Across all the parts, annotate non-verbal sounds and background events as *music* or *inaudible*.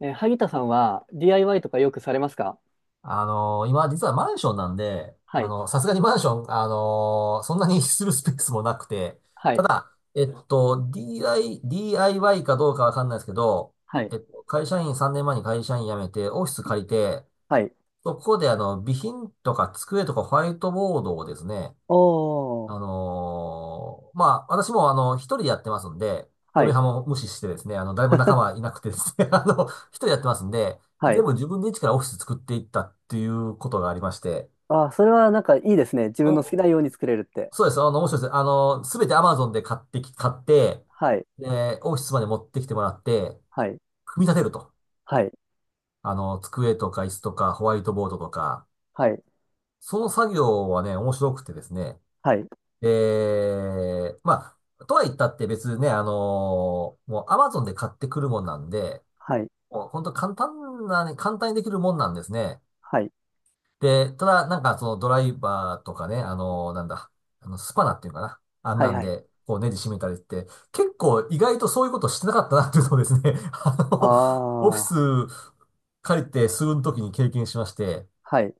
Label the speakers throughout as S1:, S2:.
S1: 萩田さんは DIY とかよくされますか？
S2: 今実はマンションなんで、
S1: は
S2: あ
S1: い。
S2: の、さすがにマンション、そんなにするスペースもなくて、
S1: は
S2: た
S1: い。
S2: だ、DIY かどうかわかんないですけど、
S1: はい。
S2: えっと、会社員、3年前に会社員辞めて、オフィス借りて、
S1: はい。
S2: そこであの、備品とか机とかホワイトボードをですね、
S1: おー。
S2: まあ、私もあの、一人でやってますんで、
S1: は
S2: 嫁
S1: い。
S2: はんも無視してですね、あの、誰も仲
S1: *laughs*
S2: 間いなくてですね、*laughs* あの、一人でやってますんで、
S1: は
S2: 全
S1: い。
S2: 部自分で一からオフィス作っていったっていうことがありまして、
S1: あー、それはなんかいいですね。自分の好き
S2: お、
S1: なように作れるって。
S2: そうです、あの、面白いです。あの、すべて Amazon で買って、
S1: はい。
S2: で、オフィスまで持ってきてもらって、
S1: はい。
S2: 組み立てると。
S1: はい。
S2: あの、机とか椅子とかホワイトボードとか、
S1: はい。
S2: その作業はね、面白くてですね、
S1: はい。
S2: えまあ、とは言ったって別にね、もう Amazon で買ってくるもんなんで、
S1: はい。
S2: もう本当簡単なね、簡単にできるもんなんですね。
S1: はい。
S2: で、ただなんかそのドライバーとかね、あのーなんだ、あのスパナっていうのかな。あん
S1: は
S2: な
S1: い。
S2: ん
S1: はい。
S2: で、こうネジ締めたりって、結構意外とそういうことしてなかったなっていうのをですね、*laughs* あの、
S1: あ
S2: オフ
S1: あ。
S2: ィス借りて数分の時に経験しまして、
S1: はい。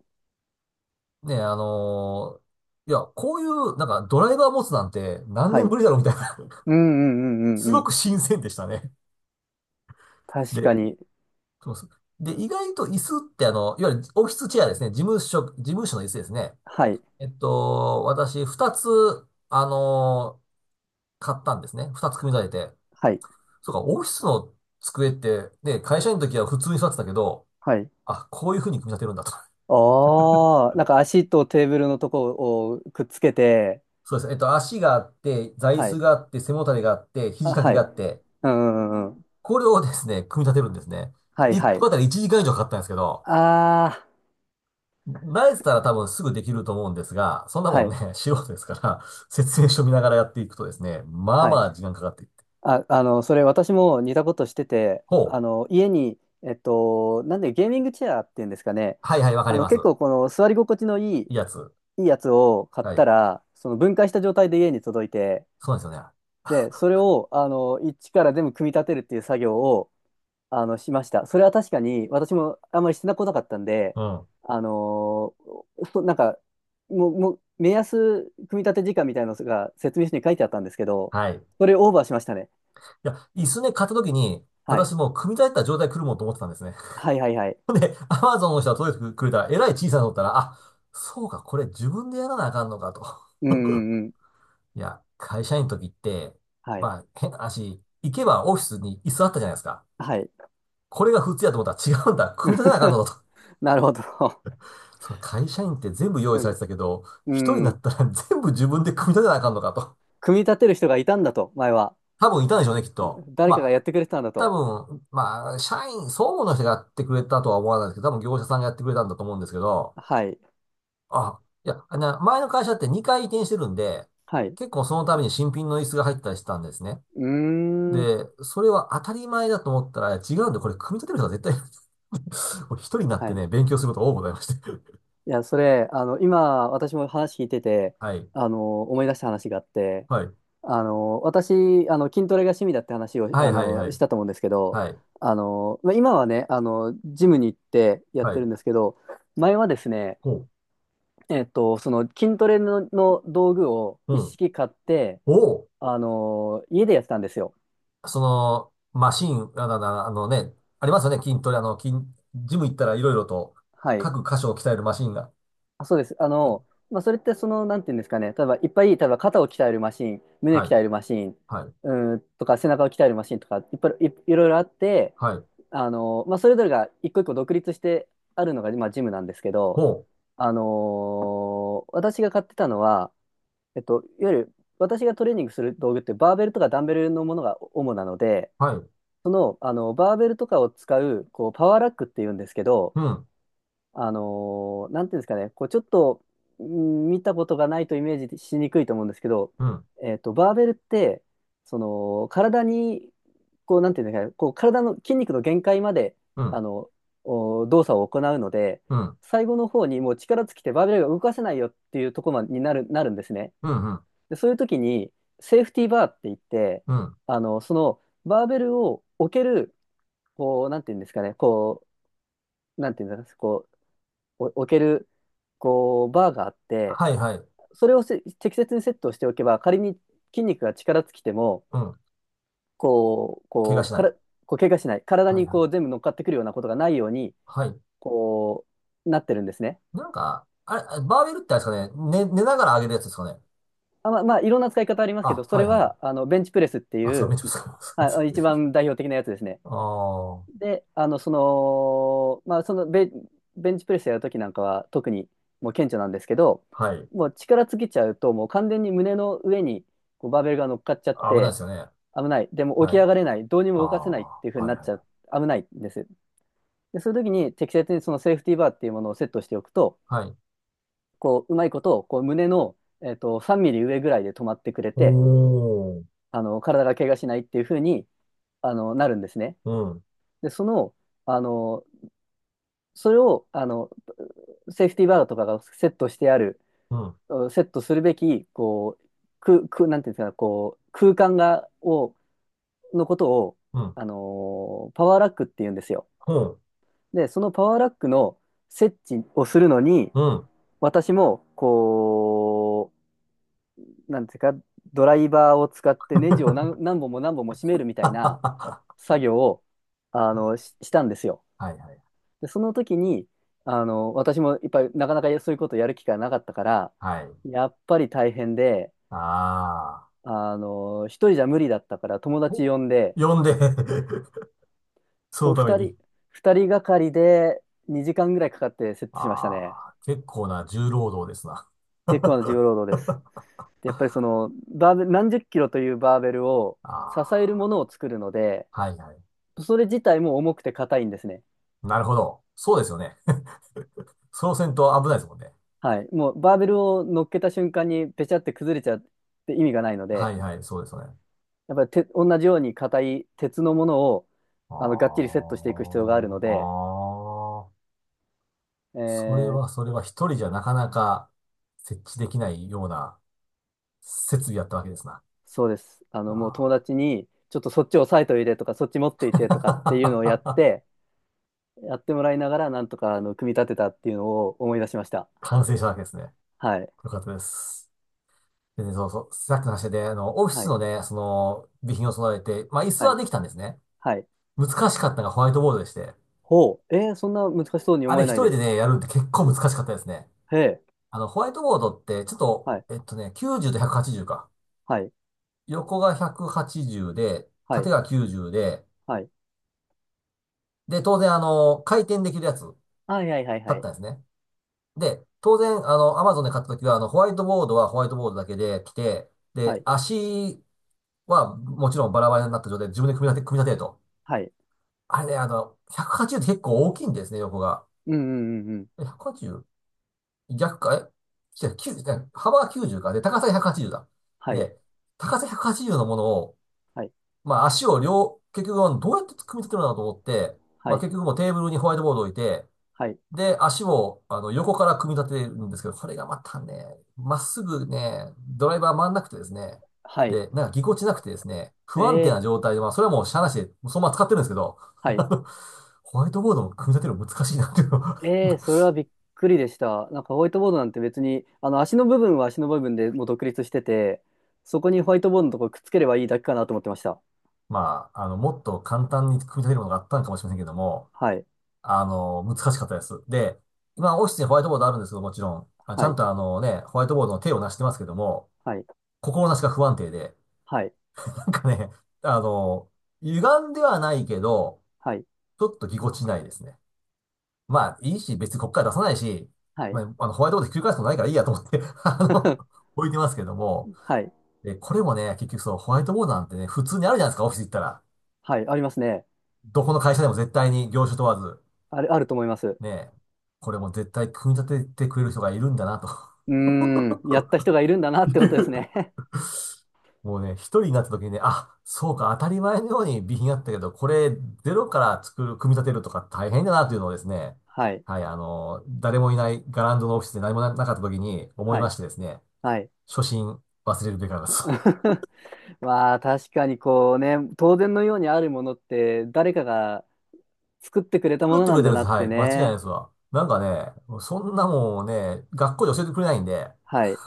S2: ね、いや、こういう、なんか、ドライバー持つなんて何
S1: は
S2: 年
S1: い。
S2: ぶりだろうみたいな、
S1: うんうんうん
S2: す
S1: うんう
S2: ご
S1: ん。
S2: く新鮮でしたね。
S1: 確か
S2: で、
S1: に。
S2: そうそう。で、意外と椅子ってあの、いわゆるオフィスチェアですね。事務所の椅子ですね。
S1: はい。
S2: えっと、私、二つ、あのー買ったんですね。二つ組み立てて。
S1: はい。
S2: そうか、オフィスの机って、ね、会社員の時は普通に座ってたけど、
S1: はい。
S2: あ、こういう風に組み立てるんだと。
S1: ああ。なんか足とテーブルのとこをくっつけて。
S2: そうです。えっと、足があって、座椅
S1: は
S2: 子
S1: い。
S2: があって、背もたれがあって、
S1: あ、
S2: 肘掛け
S1: はい。
S2: があって、
S1: うんうんうんうん。
S2: これをですね、組み立てるんですね。
S1: はい
S2: 一
S1: は
S2: 個
S1: い。
S2: あたり1時間以上かかったんですけど、
S1: ああ、
S2: 慣れてたら多分すぐできると思うんですが、そんな
S1: は
S2: もんね、
S1: い、
S2: *laughs* 素人ですから、説明書見ながらやっていくとですね、まあ
S1: は
S2: ま
S1: い。
S2: あ時間かかっていって。
S1: あ、それ私も似たことしてて、
S2: ほう。
S1: 家に、なんでゲーミングチェアっていうんですかね、
S2: はいはい、わかります。
S1: 結構この座り心地のいい、
S2: いいやつ。
S1: いいやつを買っ
S2: は
S1: た
S2: い。
S1: ら、その分解した状態で家に届いて、
S2: そうなんですよね。
S1: で、それを、一から全部組み立てるっていう作業を、しました。それは確かに、私もあんまりしてなこなかったんで、
S2: うん。
S1: あのーそなんか、もう、目安組み立て時間みたいなのが説明書に書いてあったんですけど、
S2: はい。い
S1: それオーバーしましたね。
S2: や、椅子ね、買った時に、
S1: は
S2: 私
S1: い。
S2: もう組み立てた状態来るもんと思ってたんですね。
S1: はいはいはい。
S2: *laughs* で、アマゾンの人が届いてくれたら、えらい小さいのだったら、あ、そうか、これ自分でやらなあかんのかと。
S1: うんうんうん。
S2: いや、会社員の時って、
S1: はい。
S2: まあ、変な話、行けばオフィスに椅子あったじゃないですか。
S1: はい。
S2: これが普通やと思ったら違うんだ。組み立てなあかんのだと。
S1: *laughs* なるほど。
S2: そう、会社員って全部用
S1: う
S2: 意され
S1: ん。
S2: てたけど、
S1: う
S2: 一人にな
S1: ん。
S2: ったら *laughs* 全部自分で組み立てなあかんのかと。
S1: 組み立てる人がいたんだと、前は。
S2: 多分いたんでしょうね、きっと。
S1: 誰かが
S2: まあ、
S1: やってくれてたんだ
S2: 多
S1: と。
S2: 分、まあ、総務の人がやってくれたとは思わないですけど、多分業者さんがやってくれたんだと思うんですけど、
S1: はい。
S2: あ、いや、あの前の会社って2回移転してるんで、
S1: はい。う
S2: 結構そのために新品の椅子が入ったりしてたんですね。
S1: ーん。
S2: で、それは当たり前だと思ったら違うんで、これ組み立てる人は絶対いない、*laughs* これ一人になっ
S1: は
S2: て
S1: い。
S2: ね、勉強することが多くございまして。*laughs*
S1: いや、それ、今、私も話聞いてて、
S2: はい。
S1: 思い出した話があって、
S2: はい。
S1: 私、筋トレが趣味だって話を、
S2: はいはいは
S1: し
S2: い。
S1: たと思うんですけど、
S2: はい。
S1: まあ、今はね、ジムに行ってやっ
S2: は
S1: てる
S2: い。
S1: んですけど、前はですね、
S2: ほう。
S1: その筋トレの道具を
S2: う
S1: 一
S2: ん。
S1: 式買って、
S2: おう。
S1: 家でやってたんですよ。
S2: その、マシン、あの、あのね、ありますよね、筋トレ、あの、筋、ジム行ったらいろいろと、
S1: はい。
S2: 各箇所を鍛えるマシンが。
S1: あ、そうです。
S2: え、
S1: まあ、それってなんていうんですかね、例えばいっぱい、例えば肩を鍛えるマシン、胸を
S2: は
S1: 鍛
S2: い。
S1: えるマシン、
S2: はい。
S1: とか背中を鍛えるマシンとか、いっぱいい、いろいろあって、
S2: はい。
S1: まあ、それぞれが一個一個独立してあるのが、まあ、ジムなんですけど、
S2: ほ
S1: あのー私が買ってたのは、いわゆる私がトレーニングする道具ってバーベルとかダンベルのものが主なので、
S2: う。はい。
S1: あのバーベルとかを使う、こうパワーラックっていうんですけど、
S2: うん。
S1: なんていうんですかね、こうちょっとうん見たことがないとイメージしにくいと思うんですけど、
S2: うん。
S1: バーベルって、体に、こう、なんていうんですかね、こう、体の筋肉の限界まで、
S2: う
S1: あ
S2: ん。
S1: の、お動作を行うので、
S2: うん。
S1: 最後の方にもう力尽きてバーベルが動かせないよっていうところまでになるんですね。
S2: うん。うん。
S1: で、そういう時に、セーフティーバーって言って、
S2: うん、
S1: バーベルを置ける、こう、なんていうんですかね、こう、なんていうんですかね、こう、お置ける、こう、バーがあって、
S2: はいはい。
S1: それを適切にセットをしておけば、仮に筋肉が力尽きても、
S2: うん。怪我
S1: こう、
S2: しな
S1: から、
S2: い。
S1: こう、怪我しない、体
S2: はい
S1: に
S2: は
S1: こう、
S2: い。
S1: 全部乗っかってくるようなことがないように、
S2: はい。
S1: こう、なってるんですね。
S2: なんか、あれ、バーベルってあれですかね、寝ながら上げるやつですかね。
S1: あ、まあ、いろんな使い方ありますけど、
S2: あ、
S1: そ
S2: は
S1: れ
S2: い。はい。
S1: は、ベンチプレスって
S2: あ、
S1: い
S2: そう、
S1: う、
S2: めっちゃ疲れます。*laughs* す
S1: はい、
S2: いま
S1: 一
S2: せ
S1: 番
S2: ん。
S1: 代表的なやつですね。
S2: ああ。
S1: で、まあ、ベンチプレスやるときなんかは特にもう顕著なんですけど、
S2: はい。
S1: もう力尽きちゃうと、もう完全に胸の上にこうバーベルが乗っかっちゃっ
S2: 危ないで
S1: て、
S2: すよね。
S1: 危ない。でも起
S2: は
S1: き上
S2: い。
S1: がれない。どうにも
S2: あ
S1: 動かせないっていう風
S2: あ。
S1: に
S2: は
S1: な
S2: い。
S1: っ
S2: は
S1: ちゃう。
S2: い。
S1: 危ないんです。で、そういう時に適切にそのセーフティーバーっていうものをセットしておくと、
S2: はい。
S1: こう、うまいことをこう胸の、3ミリ上ぐらいで止まってくれ
S2: お
S1: て、
S2: ー、
S1: 体が怪我しないっていう風に、なるんですね。
S2: うん、
S1: で、あの、それを、セーフティーバーとかがセットしてある、
S2: うん、
S1: うんセットするべき、こう、なんていうんですか、こう、空間が、を、のことを、
S2: うん、
S1: パワーラックって言うんですよ。
S2: うん、
S1: で、そのパワーラックの設置をするのに、
S2: うん。
S1: 私も、こう、なんていうか、ドライバーを使ってネジを何本も何本も締めるみたいな
S2: *laughs* は
S1: 作業を、ししたんですよ。
S2: いはい、
S1: で、その時に、私もいっぱいなかなかそういうことやる機会なかったから、
S2: はい。
S1: やっぱり大変で、
S2: ああ、
S1: 一人じゃ無理だったから友達
S2: お、
S1: 呼んで、
S2: 呼んで *laughs* その
S1: と、
S2: ため
S1: 二
S2: に。
S1: 人、二人がかりで2時間ぐらいかかってセットしましたね。
S2: ああ、結構な重労働ですな。
S1: チェックマンの重
S2: *laughs*
S1: 労働です。でやっぱりバーベル、何十キロというバーベルを
S2: あ
S1: 支えるも
S2: あ、
S1: のを作るので、
S2: はいはい。
S1: それ自体も重くて硬いんですね。
S2: なるほど。そうですよね。*laughs* そうせんと危ないですもんね。
S1: はい。もうバーベルを乗っけた瞬間にペチャって崩れちゃって意味がないの
S2: は
S1: で、
S2: いはい、そうですよね。
S1: やっぱりて同じように硬い鉄のものを
S2: あ
S1: がっちりセ
S2: あ、
S1: ットしていく必要があるので、
S2: ああ、
S1: え
S2: それは
S1: ー
S2: それは一人じゃなかなか設置できないような設備やったわけですな。
S1: そうです。もう友
S2: あ
S1: 達にちょっとそっち押さえといてとかそっち持っていてとかっていうのを
S2: ー *laughs*
S1: やってもらいながらなんとか組み立てたっていうのを思い出しました。
S2: 完成したわけですね。
S1: はい。
S2: よかったです。でね、そうそう。さっきの話で、あの、オフィ
S1: は
S2: ス
S1: い。
S2: のね、その、備品を備えて、まあ、椅子
S1: は
S2: は
S1: い。
S2: できたんですね。
S1: はい。
S2: 難しかったのがホワイトボードでして、
S1: ほう。そんな難しそうに
S2: あ
S1: 思
S2: れ
S1: え
S2: 一
S1: ないで
S2: 人で
S1: す。
S2: ね、やるって結構難しかったですね。
S1: へえ。
S2: あの、ホワイトボードって、ちょっと、
S1: はい。
S2: えっとね、90と180か。
S1: はい。
S2: 横が180で、
S1: は
S2: 縦
S1: い。
S2: が90で、
S1: はい。
S2: で、当然、あの、回転できるやつ、
S1: はい。はい。はい。は
S2: 買っ
S1: い。
S2: たんですね。で、当然、あの、アマゾンで買った時は、あの、ホワイトボードはホワイトボードだけで来て、
S1: は
S2: で、
S1: い。
S2: 足は、もちろんバラバラになった状態で自分で組み立てると。
S1: はい。
S2: あれね、あの、180って結構大きいんですね、横が。
S1: うんうんうんうん。
S2: え、 180? 逆か、え違う、90、違う、幅が90か。で、高さが180だ。
S1: はい。
S2: で、高さ180のものを、
S1: はい。
S2: まあ足を両、結局どうやって組み立てるのかなと思って、
S1: は
S2: まあ
S1: い。
S2: 結局もうテーブルにホワイトボードを置いて、
S1: はい。
S2: で、足を、あの、横から組み立てるんですけど、これがまたね、まっすぐね、ドライバー回んなくてですね、
S1: はい。
S2: で、なんかぎこちなくてですね、
S1: え
S2: 不安定な状
S1: ー。
S2: 態で、まあ、それはもうしゃあなしで、そのまま使ってるんですけど、
S1: は
S2: *laughs* あ
S1: い。
S2: の、ホワイトボードも組み立てるの難しいなっていうの。
S1: ええ、そ
S2: *laughs*
S1: れはびっくりでした。なんかホワイトボードなんて別に、あの足の部分は足の部分でもう独立してて、そこにホワイトボードのところくっつければいいだけかなと思ってました。
S2: まあ、あの、もっと簡単に組み立てるものがあったのかもしれませんけども、
S1: はい、
S2: あの、難しかったです。で、今、オフィスにホワイトボードあるんですけど、もちろん、あ、ち
S1: は
S2: ゃん
S1: い、
S2: とあのね、ホワイトボードの手をなしてますけども、
S1: はい、
S2: 心なしか不安定で、
S1: はい、
S2: なんかね、あの、歪んではないけど、
S1: はい、
S2: ちょっとぎこちないですね。まあ、いいし、別にこっから出さないし、
S1: は
S2: ま
S1: い、
S2: あ、あの、ホワイトボードひっくり返すことないからいいやと思って *laughs* あの、
S1: *laughs*
S2: 置いてますけども、
S1: はい、
S2: で、これもね、結局そう、ホワイトボードなんてね、普通にあるじゃないですか、オフィス行ったら。
S1: はい、ありますね。
S2: どこの会社でも絶対に業種問わず、
S1: あると思います。う
S2: ね、これも絶対組み立ててくれる人がいるんだなと。
S1: ーん、やった人がいるんだなってことです
S2: *laughs*
S1: ね。
S2: もうね、一人になった時にね、あ、そうか、当たり前のように備品あったけど、これ、ゼロから作る、組み立てるとか大変だなというのをですね、
S1: *laughs* はい、
S2: はい、あの、誰もいないガランドのオフィスで何もななかった時に思い
S1: は
S2: ま
S1: い、
S2: してですね、
S1: はい。
S2: 初心忘れるべからです。*laughs*
S1: *laughs* まあ確かにこうね、当然のようにあるものって誰かが作ってくれたも
S2: 作っ
S1: の
S2: て
S1: な
S2: くれ
S1: ん
S2: て
S1: だ
S2: るんで
S1: な
S2: す。
S1: っ
S2: は
S1: て
S2: い、間違いないで
S1: ね。
S2: すわ。なんかね、そんなもんね、学校で教えてくれないんで、*laughs*
S1: はい、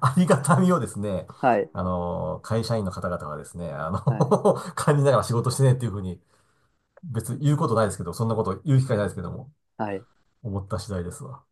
S2: ありがたみをですね、
S1: はい、
S2: あの、会社員の方々はですね、あの
S1: はい。
S2: *laughs* 感じながら仕事してねっていうふうに、別に言うことないですけど、そんなこと言う機会ないですけども。
S1: はい。
S2: 思った次第ですわ。